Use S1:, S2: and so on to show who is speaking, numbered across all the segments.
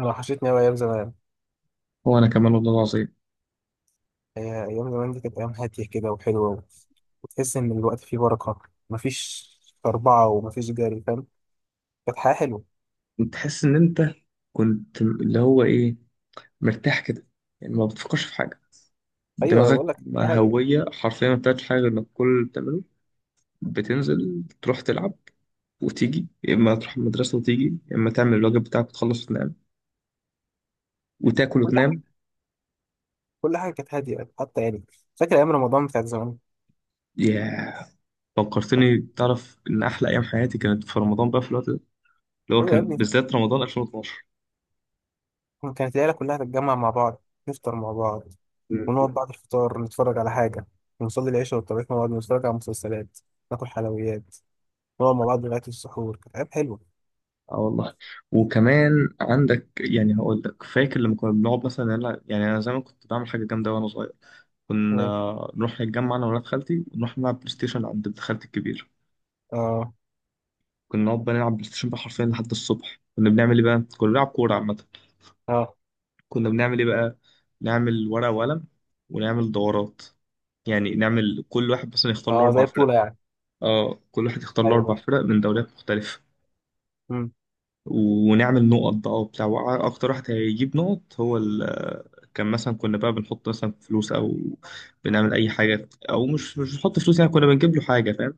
S1: انا وحشتني قوي ايام زمان.
S2: وانا كمان والله العظيم.
S1: هي ايام زمان دي كانت ايام هاديه كده وحلوه، وتحس ان الوقت فيه بركه. مفيش اربعه ومفيش جري، فاهم؟ كانت حياه حلوه.
S2: تحس ان انت كنت اللي هو ايه، مرتاح كده، يعني ما بتفكرش في حاجه،
S1: ايوه
S2: دماغك
S1: بقول لك، حياه هاديه.
S2: هويه حرفيا ما بتعملش حاجه غير انك كل اللي بتعمله بتنزل تروح تلعب وتيجي يا اما تروح المدرسه وتيجي يا اما تعمل الواجب بتاعك وتخلص وتنام وتاكل
S1: كل
S2: وتنام.
S1: حاجه، كل حاجه كانت هاديه، حتى فاكر ايام رمضان بتاعت زمان.
S2: ياه، فكرتني، تعرف ان احلى ايام حياتي كانت في رمضان بقى في الوقت ده، اللي هو
S1: ايوه يا
S2: كان
S1: ابني،
S2: بالذات رمضان 2012.
S1: كانت العيله كلها تتجمع مع بعض، نفطر مع بعض، ونقعد بعد الفطار نتفرج على حاجه، ونصلي العشاء والتراويح مع بعض، ونتفرج على مسلسلات، ناكل حلويات، نقعد مع بعض لغايه السحور. كانت ايام حلوه.
S2: اه والله. وكمان عندك يعني هقول لك، فاكر لما كنا بنقعد مثلا نلعب، يعني انا زمان كنت بعمل حاجه جامده وانا صغير. كنا
S1: إيه؟
S2: نروح نتجمع انا وولاد خالتي ونروح نلعب بلاي ستيشن عند ابن خالتي الكبير.
S1: اه.
S2: كنا نقعد بقى نلعب بلاي ستيشن بقى حرفيا لحد الصبح. كنا بنعمل ايه بقى؟ كنا بنلعب كوره عامه.
S1: اه.
S2: كنا بنعمل ايه بقى؟ نعمل ورقه وقلم ونعمل دورات، يعني نعمل كل واحد مثلا يختار له
S1: اه،
S2: اربع
S1: زي
S2: فرق.
S1: بطوله يعني.
S2: اه، كل واحد يختار له اربع
S1: ايوه.
S2: فرق من دوريات مختلفه.
S1: مم.
S2: ونعمل نقط بقى وبتاع، اكتر واحد هيجيب نقط هو ال، كان مثلا كنا بقى بنحط مثلا فلوس او بنعمل اي حاجه، او مش بنحط فلوس، يعني كنا بنجيب له حاجه فاهم؟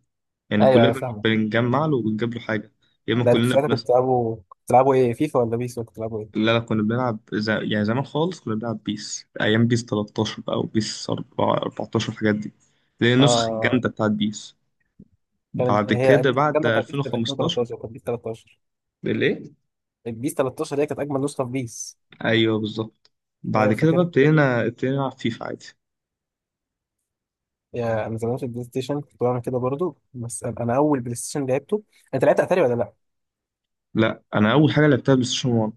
S2: يعني
S1: ايوه
S2: كلنا
S1: ايوه، فاهمه.
S2: بنجمع له وبنجيب له حاجه. يا اما
S1: لا، انتوا
S2: كلنا
S1: ساعتها كنتوا
S2: بنس.
S1: بتلعبوا، ايه، فيفا ولا بيس؟ ولا كنتوا بتلعبوا ايه؟
S2: لا لا، كنا بنلعب يعني زمان خالص كنا بنلعب بيس، ايام بيس 13 بقى وبيس 4، 14، الحاجات دي. دي النسخه
S1: اه،
S2: الجامده بتاعت بيس.
S1: كانت
S2: بعد
S1: هي
S2: كده
S1: النسخه
S2: بعد
S1: الجامده بتاع بيس كانت
S2: 2015.
S1: 2013.
S2: بالايه؟
S1: كانت بيس 13، البيس 13 هي كانت اجمل نسخه في بيس.
S2: ايوه بالظبط.
S1: انا
S2: بعد كده بقى
S1: فاكر.
S2: ابتدينا نلعب فيفا عادي.
S1: يا انا زمان في البلاي ستيشن كنت بعمل كده برضو. بس انا اول بلاي ستيشن لعبته، انت لعبت اتاري ولا لا؟
S2: لا، انا اول حاجه لعبتها بلاي ستيشن 1.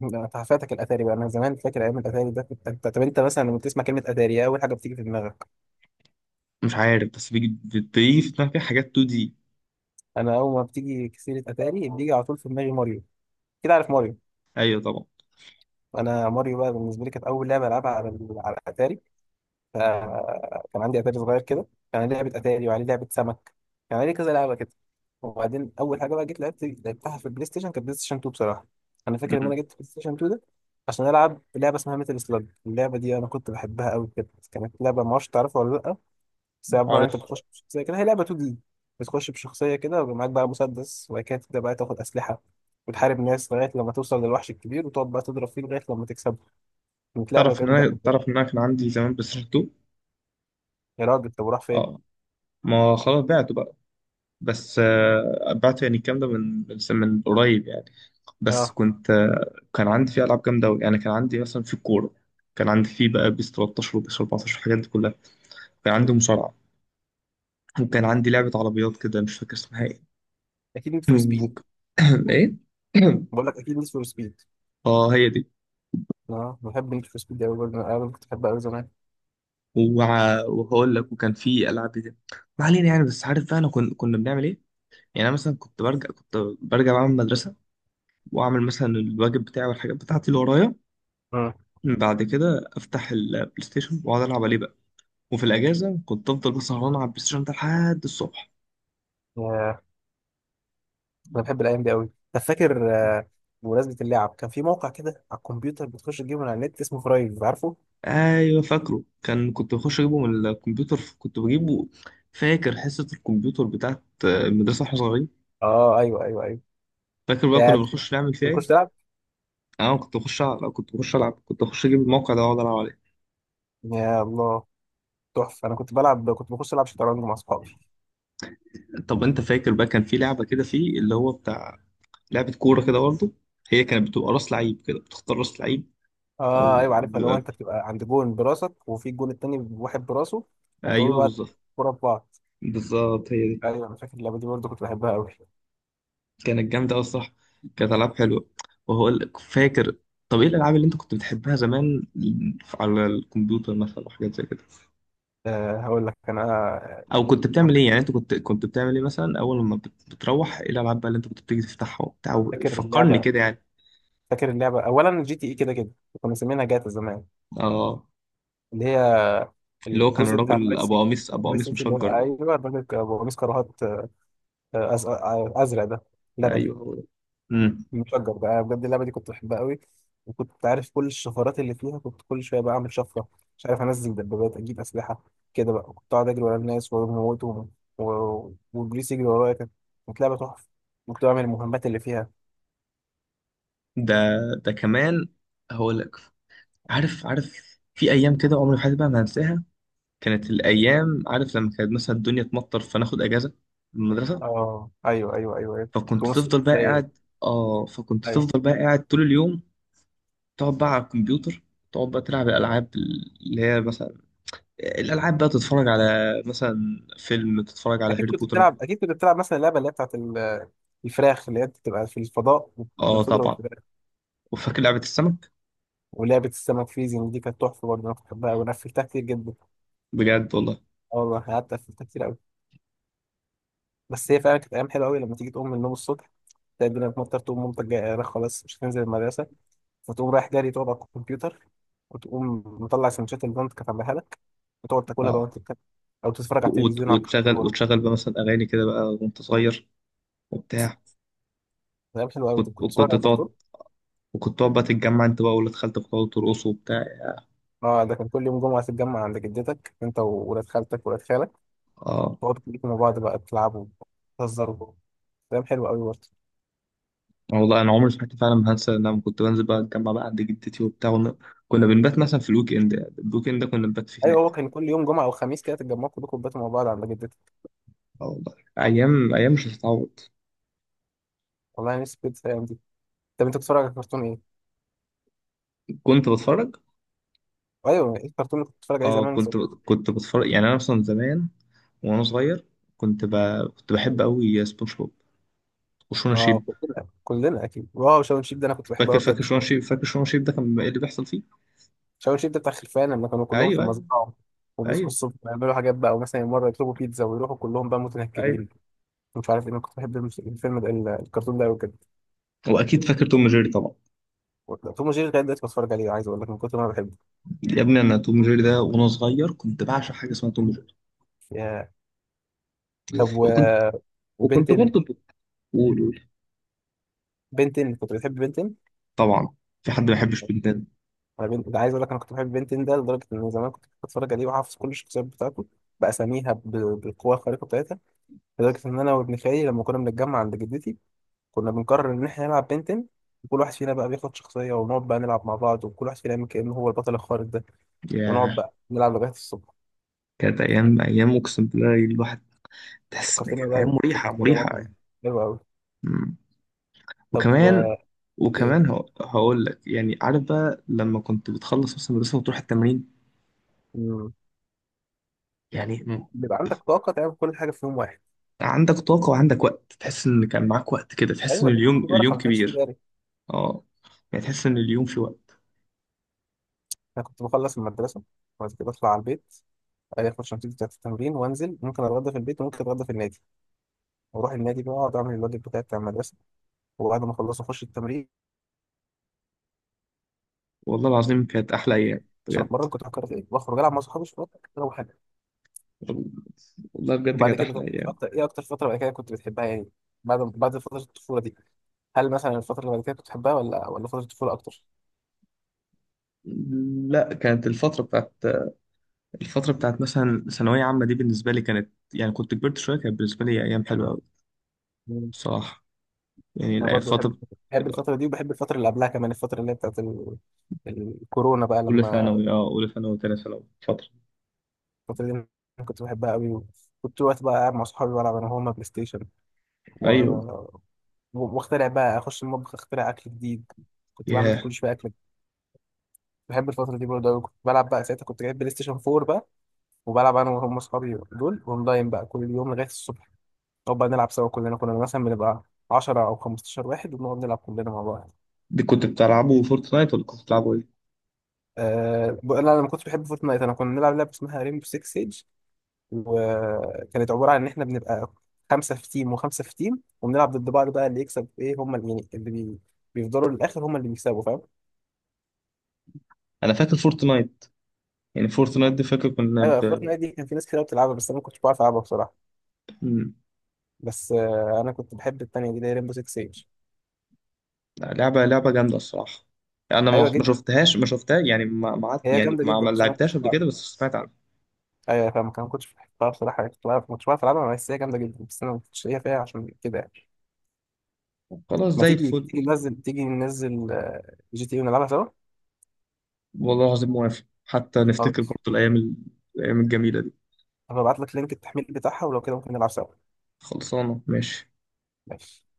S1: لا، انت فاتك الاتاري بقى. انا زمان فاكر ايام الاتاري ده كنت- انت طب انت مثلا لما بتسمع كلمه اتاري، إيه اول حاجه بتيجي في دماغك؟
S2: مش عارف بس بتيجي في دماغي حاجات 2 دي.
S1: انا اول ما بتيجي سيره اتاري، بيجي على طول في دماغي ماريو. كده، عارف ماريو؟
S2: ايوه طبعا.
S1: انا ماريو بقى بالنسبه لي كانت اول لعبه العبها على، على الاتاري. فكان عندي اتاري صغير كده، كان عليه لعبه اتاري وعليه لعبه سمك، كان عليه كذا لعبه كده. وبعدين اول حاجه بقى جيت لعبت لعبتها في البلاي ستيشن، كانت بلاي ستيشن 2 بصراحه. انا فاكر ان انا
S2: مم.
S1: جبت بلاي ستيشن 2 ده عشان العب لعبه اسمها ميتال سلاج. اللعبه دي انا كنت بحبها قوي كده، كانت لعبه، ما اعرفش تعرفها ولا لا، بس هي عباره عن
S2: عارف.
S1: انت بتخش بشخصيه كده، هي لعبه 2 دي. بتخش بشخصيه كده ويبقى معاك بقى مسدس، وبعد كده تبدا بقى تاخد اسلحه وتحارب ناس لغايه لما توصل للوحش الكبير، وتقعد بقى تضرب فيه لغايه لما تكسبه. كانت لعبه
S2: تعرف ان
S1: جامده
S2: انا،
S1: قوي.
S2: تعرف ان انا كان عندي زمان بلاي ستيشن 2.
S1: يا راجل، طب وراح فين؟
S2: اه، ما خلاص بعته بقى، بس بعته يعني الكلام ده من، من قريب يعني. بس
S1: اه.
S2: كنت كان عندي فيه العاب جامده قوي، يعني كان عندي مثلا في الكوره، كان عندي فيه بقى بيس 13 وبيس 14 والحاجات دي كلها. كان عندي مصارعه وكان عندي لعبه عربيات كده، مش فاكر اسمها ايه.
S1: اكيد نيد فور سبيد.
S2: ايه.
S1: بقول لك اكيد نيد فور سبيد.
S2: اه هي دي.
S1: اه، بحب نيد فور سبيد قوي برضه، انا كنت بحبها قوي زمان.
S2: وهقول لك وكان في العاب كده، ما علينا يعني. بس عارف بقى انا كنا بنعمل ايه، يعني انا مثلا كنت برجع، كنت برجع بقى من المدرسه واعمل مثلا الواجب بتاعي والحاجات بتاعتي اللي ورايا.
S1: مم.
S2: بعد كده افتح البلاي ستيشن واقعد العب عليه بقى. وفي الاجازه كنت افضل بقى سهران على البلاي ستيشن ده لحد الصبح.
S1: ياه، انا بحب الايام دي قوي. طب فاكر؟ بمناسبه اللعب، كان في موقع كده على الكمبيوتر، بتخش تجيبه من على النت، اسمه فرايف، عارفه؟
S2: ايوه فاكره، كان كنت بخش اجيبه من الكمبيوتر، كنت بجيبه. فاكر حصه الكمبيوتر بتاعت المدرسه واحنا صغيرين؟
S1: اه ايوه ايوه ايوه.
S2: فاكر بقى
S1: يا
S2: كنا بنخش نعمل فيها
S1: بتخش
S2: ايه؟
S1: تلعب.
S2: انا كنت كنت بخش العب، كنت بخش اجيب الموقع ده واقعد العب عليه.
S1: يا الله، تحفه. انا كنت بلعب، كنت بخش العب شطرنج مع اصحابي.
S2: طب انت فاكر بقى كان في لعبه كده فيه اللي هو بتاع، لعبه كوره كده برضه، هي كانت بتبقى راس لعيب كده، بتختار راس لعيب
S1: اه
S2: او
S1: ايوه، عارفها. لو
S2: بيبقى.
S1: انت بتبقى عند جون براسك، وفي الجون التاني واحد براسه، وبتقعدوا
S2: ايوه
S1: بقى
S2: بالظبط،
S1: كوره في بعض.
S2: بالظبط هي دي.
S1: ايوه، انا فاكر اللعبه دي برضه، كنت بحبها قوي.
S2: كانت جامده قوي الصراحه. كانت العاب حلوه. وهو لك فاكر، طب ايه الالعاب اللي انت كنت بتحبها زمان على الكمبيوتر مثلا وحاجات زي كده؟
S1: أه، هقول لك انا
S2: او كنت بتعمل ايه يعني، انت كنت بتعمل ايه مثلا اول ما بتروح، ايه الالعاب بقى اللي انت كنت بتيجي تفتحها وبتاع،
S1: فاكر
S2: فكرني
S1: اللعبة،
S2: كده يعني.
S1: فاكر اللعبة أولا جي تي إي كده كده، كنا مسمينها جاتا زمان.
S2: اه
S1: اللي هي
S2: اللي هو كان
S1: الجزء بتاع
S2: الراجل
S1: فايس
S2: ابو
S1: سيتي.
S2: قميص، ابو
S1: فايس
S2: قميص
S1: سيتي، اللي هو
S2: مشجر ده.
S1: أيوه الراجل أبو قميص كراهات. أزرق ده، لبني،
S2: ايوه هو ده. مم.
S1: مشجر بقى. أنا بجد اللعبة دي كنت بحبها قوي، وكنت عارف كل الشفرات اللي فيها. كنت كل شوية بقى أعمل شفرة، مش عارف أنزل دبابات، أجيب أسلحة. كده بقى كنت أقعد أجري ورا الناس وأموتهم، والبوليس يجري ورايا. كانت لعبة تحفة، كنت بعمل المهمات اللي فيها.
S2: ده، ده كمان هقول لك، عارف عارف في ايام كده عمري في حياتي بقى ما هنساها. كانت الايام، عارف لما كانت مثلا الدنيا تمطر فناخد اجازه من المدرسه،
S1: اه ايوه ايوه ايوه ايوه.
S2: فكنت
S1: تونس
S2: تفضل بقى
S1: تلاقي.
S2: قاعد، اه فكنت
S1: ايوه.
S2: تفضل بقى قاعد طول اليوم، تقعد بقى على الكمبيوتر، تقعد بقى تلعب الالعاب اللي هي مثلا الالعاب بقى، تتفرج على مثلا فيلم، تتفرج على
S1: اكيد
S2: هاري
S1: كنت
S2: بوتر.
S1: بتلعب، اكيد كنت بتلعب مثلا اللعبه اللي هي بتاعت الفراخ، اللي هي بتبقى في الفضاء
S2: اه
S1: وبتضرب
S2: طبعا.
S1: الفراخ.
S2: وفاكر لعبه السمك.
S1: ولعبه السمك فيزينج دي، كانت تحفه برضه، انا كنت بحبها، وانا قفلتها كتير جدا.
S2: بجد والله.
S1: اه والله، قعدت قفلتها كتير قوي. بس هي فعلا كانت ايام حلوه قوي، لما تيجي تقوم من النوم الصبح، تلاقي الدنيا بتمطر، تقوم مامتك جايه "أنا خلاص مش هتنزل المدرسه"، فتقوم رايح جري تقعد على الكمبيوتر، وتقوم مطلع سندوتشات اللي مامتك كانت عاملاها لك، وتقعد تاكلها بقى،
S2: آه.
S1: وانت بتاكل او تتفرج على التلفزيون، على
S2: وتشغل،
S1: الكرتون.
S2: وتشغل بقى مثلا اغاني كده بقى وانت صغير وبتاع.
S1: كلام حلو قوي. كنت بتتفرج
S2: وكنت
S1: على كرتون.
S2: تقعد، وكنت تقعد بقى تتجمع انت بقى واللاد خالتك وتقعدوا ترقصوا وبتاع.
S1: اه، ده كان كل يوم جمعه تتجمع عند جدتك، انت وولاد خالتك وولاد خالك،
S2: اه
S1: تقعدوا كلكم مع بعض بقى تلعبوا، تهزروا. كلام حلو قوي برضه.
S2: والله انا عمري في حياتي فعلا ما هنسى إن انا كنت بنزل بقى اتجمع بقى عند جدتي وبتاع كنا بنبات مثلا في الويك اند، الويك اند ده كنا بنبات فيه
S1: ايوه، هو
S2: هناك.
S1: كان كل يوم جمعه او خميس كده تتجمعوا كلكم، باتوا مع بعض عند جدتي.
S2: اه والله، ايام ايام مش هتتعوض.
S1: والله نفسي كنت في الايام دي. طب انت بتتفرج على كرتون ايه؟
S2: كنت بتفرج.
S1: ايوه، ايه الكرتون اللي كنت بتتفرج عليه
S2: اه
S1: زمان؟
S2: كنت، كنت بتفرج، يعني انا مثلا زمان وانا صغير، كنت ب... كنت بحب قوي سبونج بوب وشونا
S1: اه
S2: شيب.
S1: كلنا، كلنا اكيد. واو، شاون شيب ده انا كنت بحبه
S2: فاكر،
S1: قوي
S2: فاكر
S1: بجد.
S2: شونا شيب، فاكر شونا شيب ده كان ايه اللي بيحصل فيه؟
S1: شاون شيب ده بتاع خلفان، لما كانوا كلهم في
S2: ايوه ايوه
S1: المزرعه، وبيصحوا
S2: ايوه
S1: الصبح يعملوا حاجات بقى، ومثلا مره يطلبوا بيتزا ويروحوا كلهم بقى
S2: ايوه.
S1: متنكرين. مش عارف ايه، انا كنت بحب الفيلم ده، الكرتون ده قوي بجد.
S2: واكيد فاكر توم جيري طبعا.
S1: توم وجيري لغايه دلوقتي بتفرج عليه، عايز اقول لك من كتر ما انا بحبه.
S2: يا ابني انا توم جيري ده وانا صغير كنت بعشق حاجه اسمها توم جيري.
S1: يا. طب
S2: وكنت، وكنت
S1: وبنتن
S2: برضه، بقول.
S1: بنتين. كنت بتحب بنتين؟
S2: طبعا، في حد ما بيحبش بنتان؟
S1: انا ده عايز اقول لك انا كنت بحب بنتين ده لدرجه ان زمان كنت بتفرج عليه وحافظ كل الشخصيات بتاعته، باساميها ب... بالقوه الخارقه بتاعتها. لدرجه ان انا وابن خالي لما كنا بنتجمع عند جدتي، كنا بنقرر ان احنا نلعب بنتين، وكل واحد فينا بقى بياخد شخصيه، ونقعد بقى نلعب مع بعض، وكل واحد فينا يعمل كانه هو البطل الخارق ده. ونقعد
S2: ياه،
S1: بقى نلعب لغايه الصبح.
S2: كانت ايام، ايام اقسم بالله الواحد تحس ان
S1: فكرتني
S2: كانت ايام
S1: بقى
S2: مريحه،
S1: فكرتني بقى
S2: مريحه
S1: كان
S2: يعني.
S1: حلو قوي.
S2: مم.
S1: طب و،
S2: وكمان،
S1: ايه،
S2: وكمان هقول لك، يعني عارف بقى لما كنت بتخلص مثلا المدرسه وتروح التمرين،
S1: مم،
S2: يعني مم.
S1: بيبقى عندك طاقه تعمل كل حاجه في يوم واحد.
S2: عندك طاقه وعندك وقت، تحس ان كان معاك وقت كده، تحس ان
S1: ايوه، ليه
S2: اليوم،
S1: في بركه،
S2: اليوم
S1: ما كانش في
S2: كبير.
S1: جري.
S2: اه، يعني تحس ان اليوم في وقت.
S1: انا كنت بخلص المدرسه، وبعد كده بطلع على البيت عادي، اخش نتيجتي بتاعت التمرين وانزل، ممكن اتغدى في البيت وممكن اتغدى في النادي، واروح النادي بقى اقعد اعمل الواجب بتاعي بتاع المدرسه، وبعد ما اخلص اخش التمرين
S2: والله العظيم كانت احلى ايام
S1: عشان
S2: بجد.
S1: اتمرن. كنت بفكر في ايه؟ واخرج العب مع صحابي شويه، اروح حاجه.
S2: والله بجد
S1: وبعد
S2: كانت
S1: كده
S2: احلى
S1: طب
S2: ايام.
S1: ايه اكتر فتره بعد كده كنت بتحبها يعني، بعد فتره الطفوله دي؟ هل مثلا الفتره اللي بعد كده كنت بتحبها، ولا فتره الطفوله اكتر؟
S2: لا، كانت الفتره بتاعت، الفتره بتاعت مثلا ثانويه عامه دي بالنسبه لي كانت، يعني كنت كبرت شويه، كانت بالنسبه لي ايام حلوه قوي
S1: مم.
S2: بصراحه. يعني
S1: انا برضو بحب،
S2: فتره
S1: بحب الفتره دي، وبحب الفتره اللي قبلها كمان، الفتره اللي هي بتاعت الكورونا بقى
S2: اولى
S1: لما،
S2: ثانوي، اه اولى ثانوي وثانيه ثانوي فتره.
S1: الفتره دي أنا كنت بحبها قوي. كنت وقت بقى قاعد مع صحابي بلعب انا وهما بلاي ستيشن، و...
S2: ايوه.
S1: واخترع بقى، اخش المطبخ اخترع اكل جديد، كنت بعمل كل
S2: ياه،
S1: شويه اكل. بحب الفتره دي برضه أوي. كنت بلعب بقى، ساعتها كنت جايب بلاي ستيشن 4 بقى، وبلعب انا وهم اصحابي دول اونلاين بقى كل يوم لغايه الصبح، نقعد بقى نلعب سوا كلنا. كنا مثلا بنبقى 10 او 15 واحد، وبنقعد نلعب كلنا مع بعض.
S2: دي كنت بتلعبوا فورتنايت ولا كنت بتلعبوا ايه؟
S1: أه انا لما كنت بحب فورتنايت، انا كنا بنلعب لعبه اسمها ريمبو 6 سيج، وكانت عباره عن ان احنا بنبقى خمسه في تيم وخمسه في تيم، وبنلعب ضد بعض بقى. اللي يكسب، ايه هم اللي، يعني بيفضلوا للاخر هم اللي بيكسبوا.
S2: انا فاكر فورتنايت، يعني فورتنايت دي فاكر كنا
S1: ايوه، فورتنايت دي كان في ناس كتير بتلعبها، بس انا ما كنتش بعرف العبها بصراحه.
S2: ب...
S1: بس آه، انا كنت بحب التانية دي اللي هي ريمبو 6 سيج.
S2: لعبة لعبة جامدة الصراحة. أنا
S1: ايوه
S2: ما
S1: جدا،
S2: شفتهاش، ما شفتها يعني، ما ما عد-
S1: هي
S2: يعني
S1: جامده
S2: ما
S1: جدا،
S2: ما
S1: بس انا ما كنتش
S2: لعبتهاش قبل
S1: بعرف.
S2: كده بس سمعت عنها.
S1: ايوه فاهم، ما كنتش بحبها بصراحه يعني. كنت بعرف، ما كنتش بعرف العبها، بس هي جامده جدا، بس انا ما كنتش ليا فيها عشان كده يعني.
S2: خلاص
S1: ما
S2: زي
S1: تيجي،
S2: الفل.
S1: تيجي ننزل جي تي إيه ونلعبها سوا.
S2: والله العظيم موافق، حتى نفتكر
S1: خلاص،
S2: برضه الأيام الأيام الجميلة دي.
S1: هبعت لك لينك التحميل بتاعها، ولو كده ممكن نلعب سوا.
S2: خلصانة ماشي.
S1: ماشي.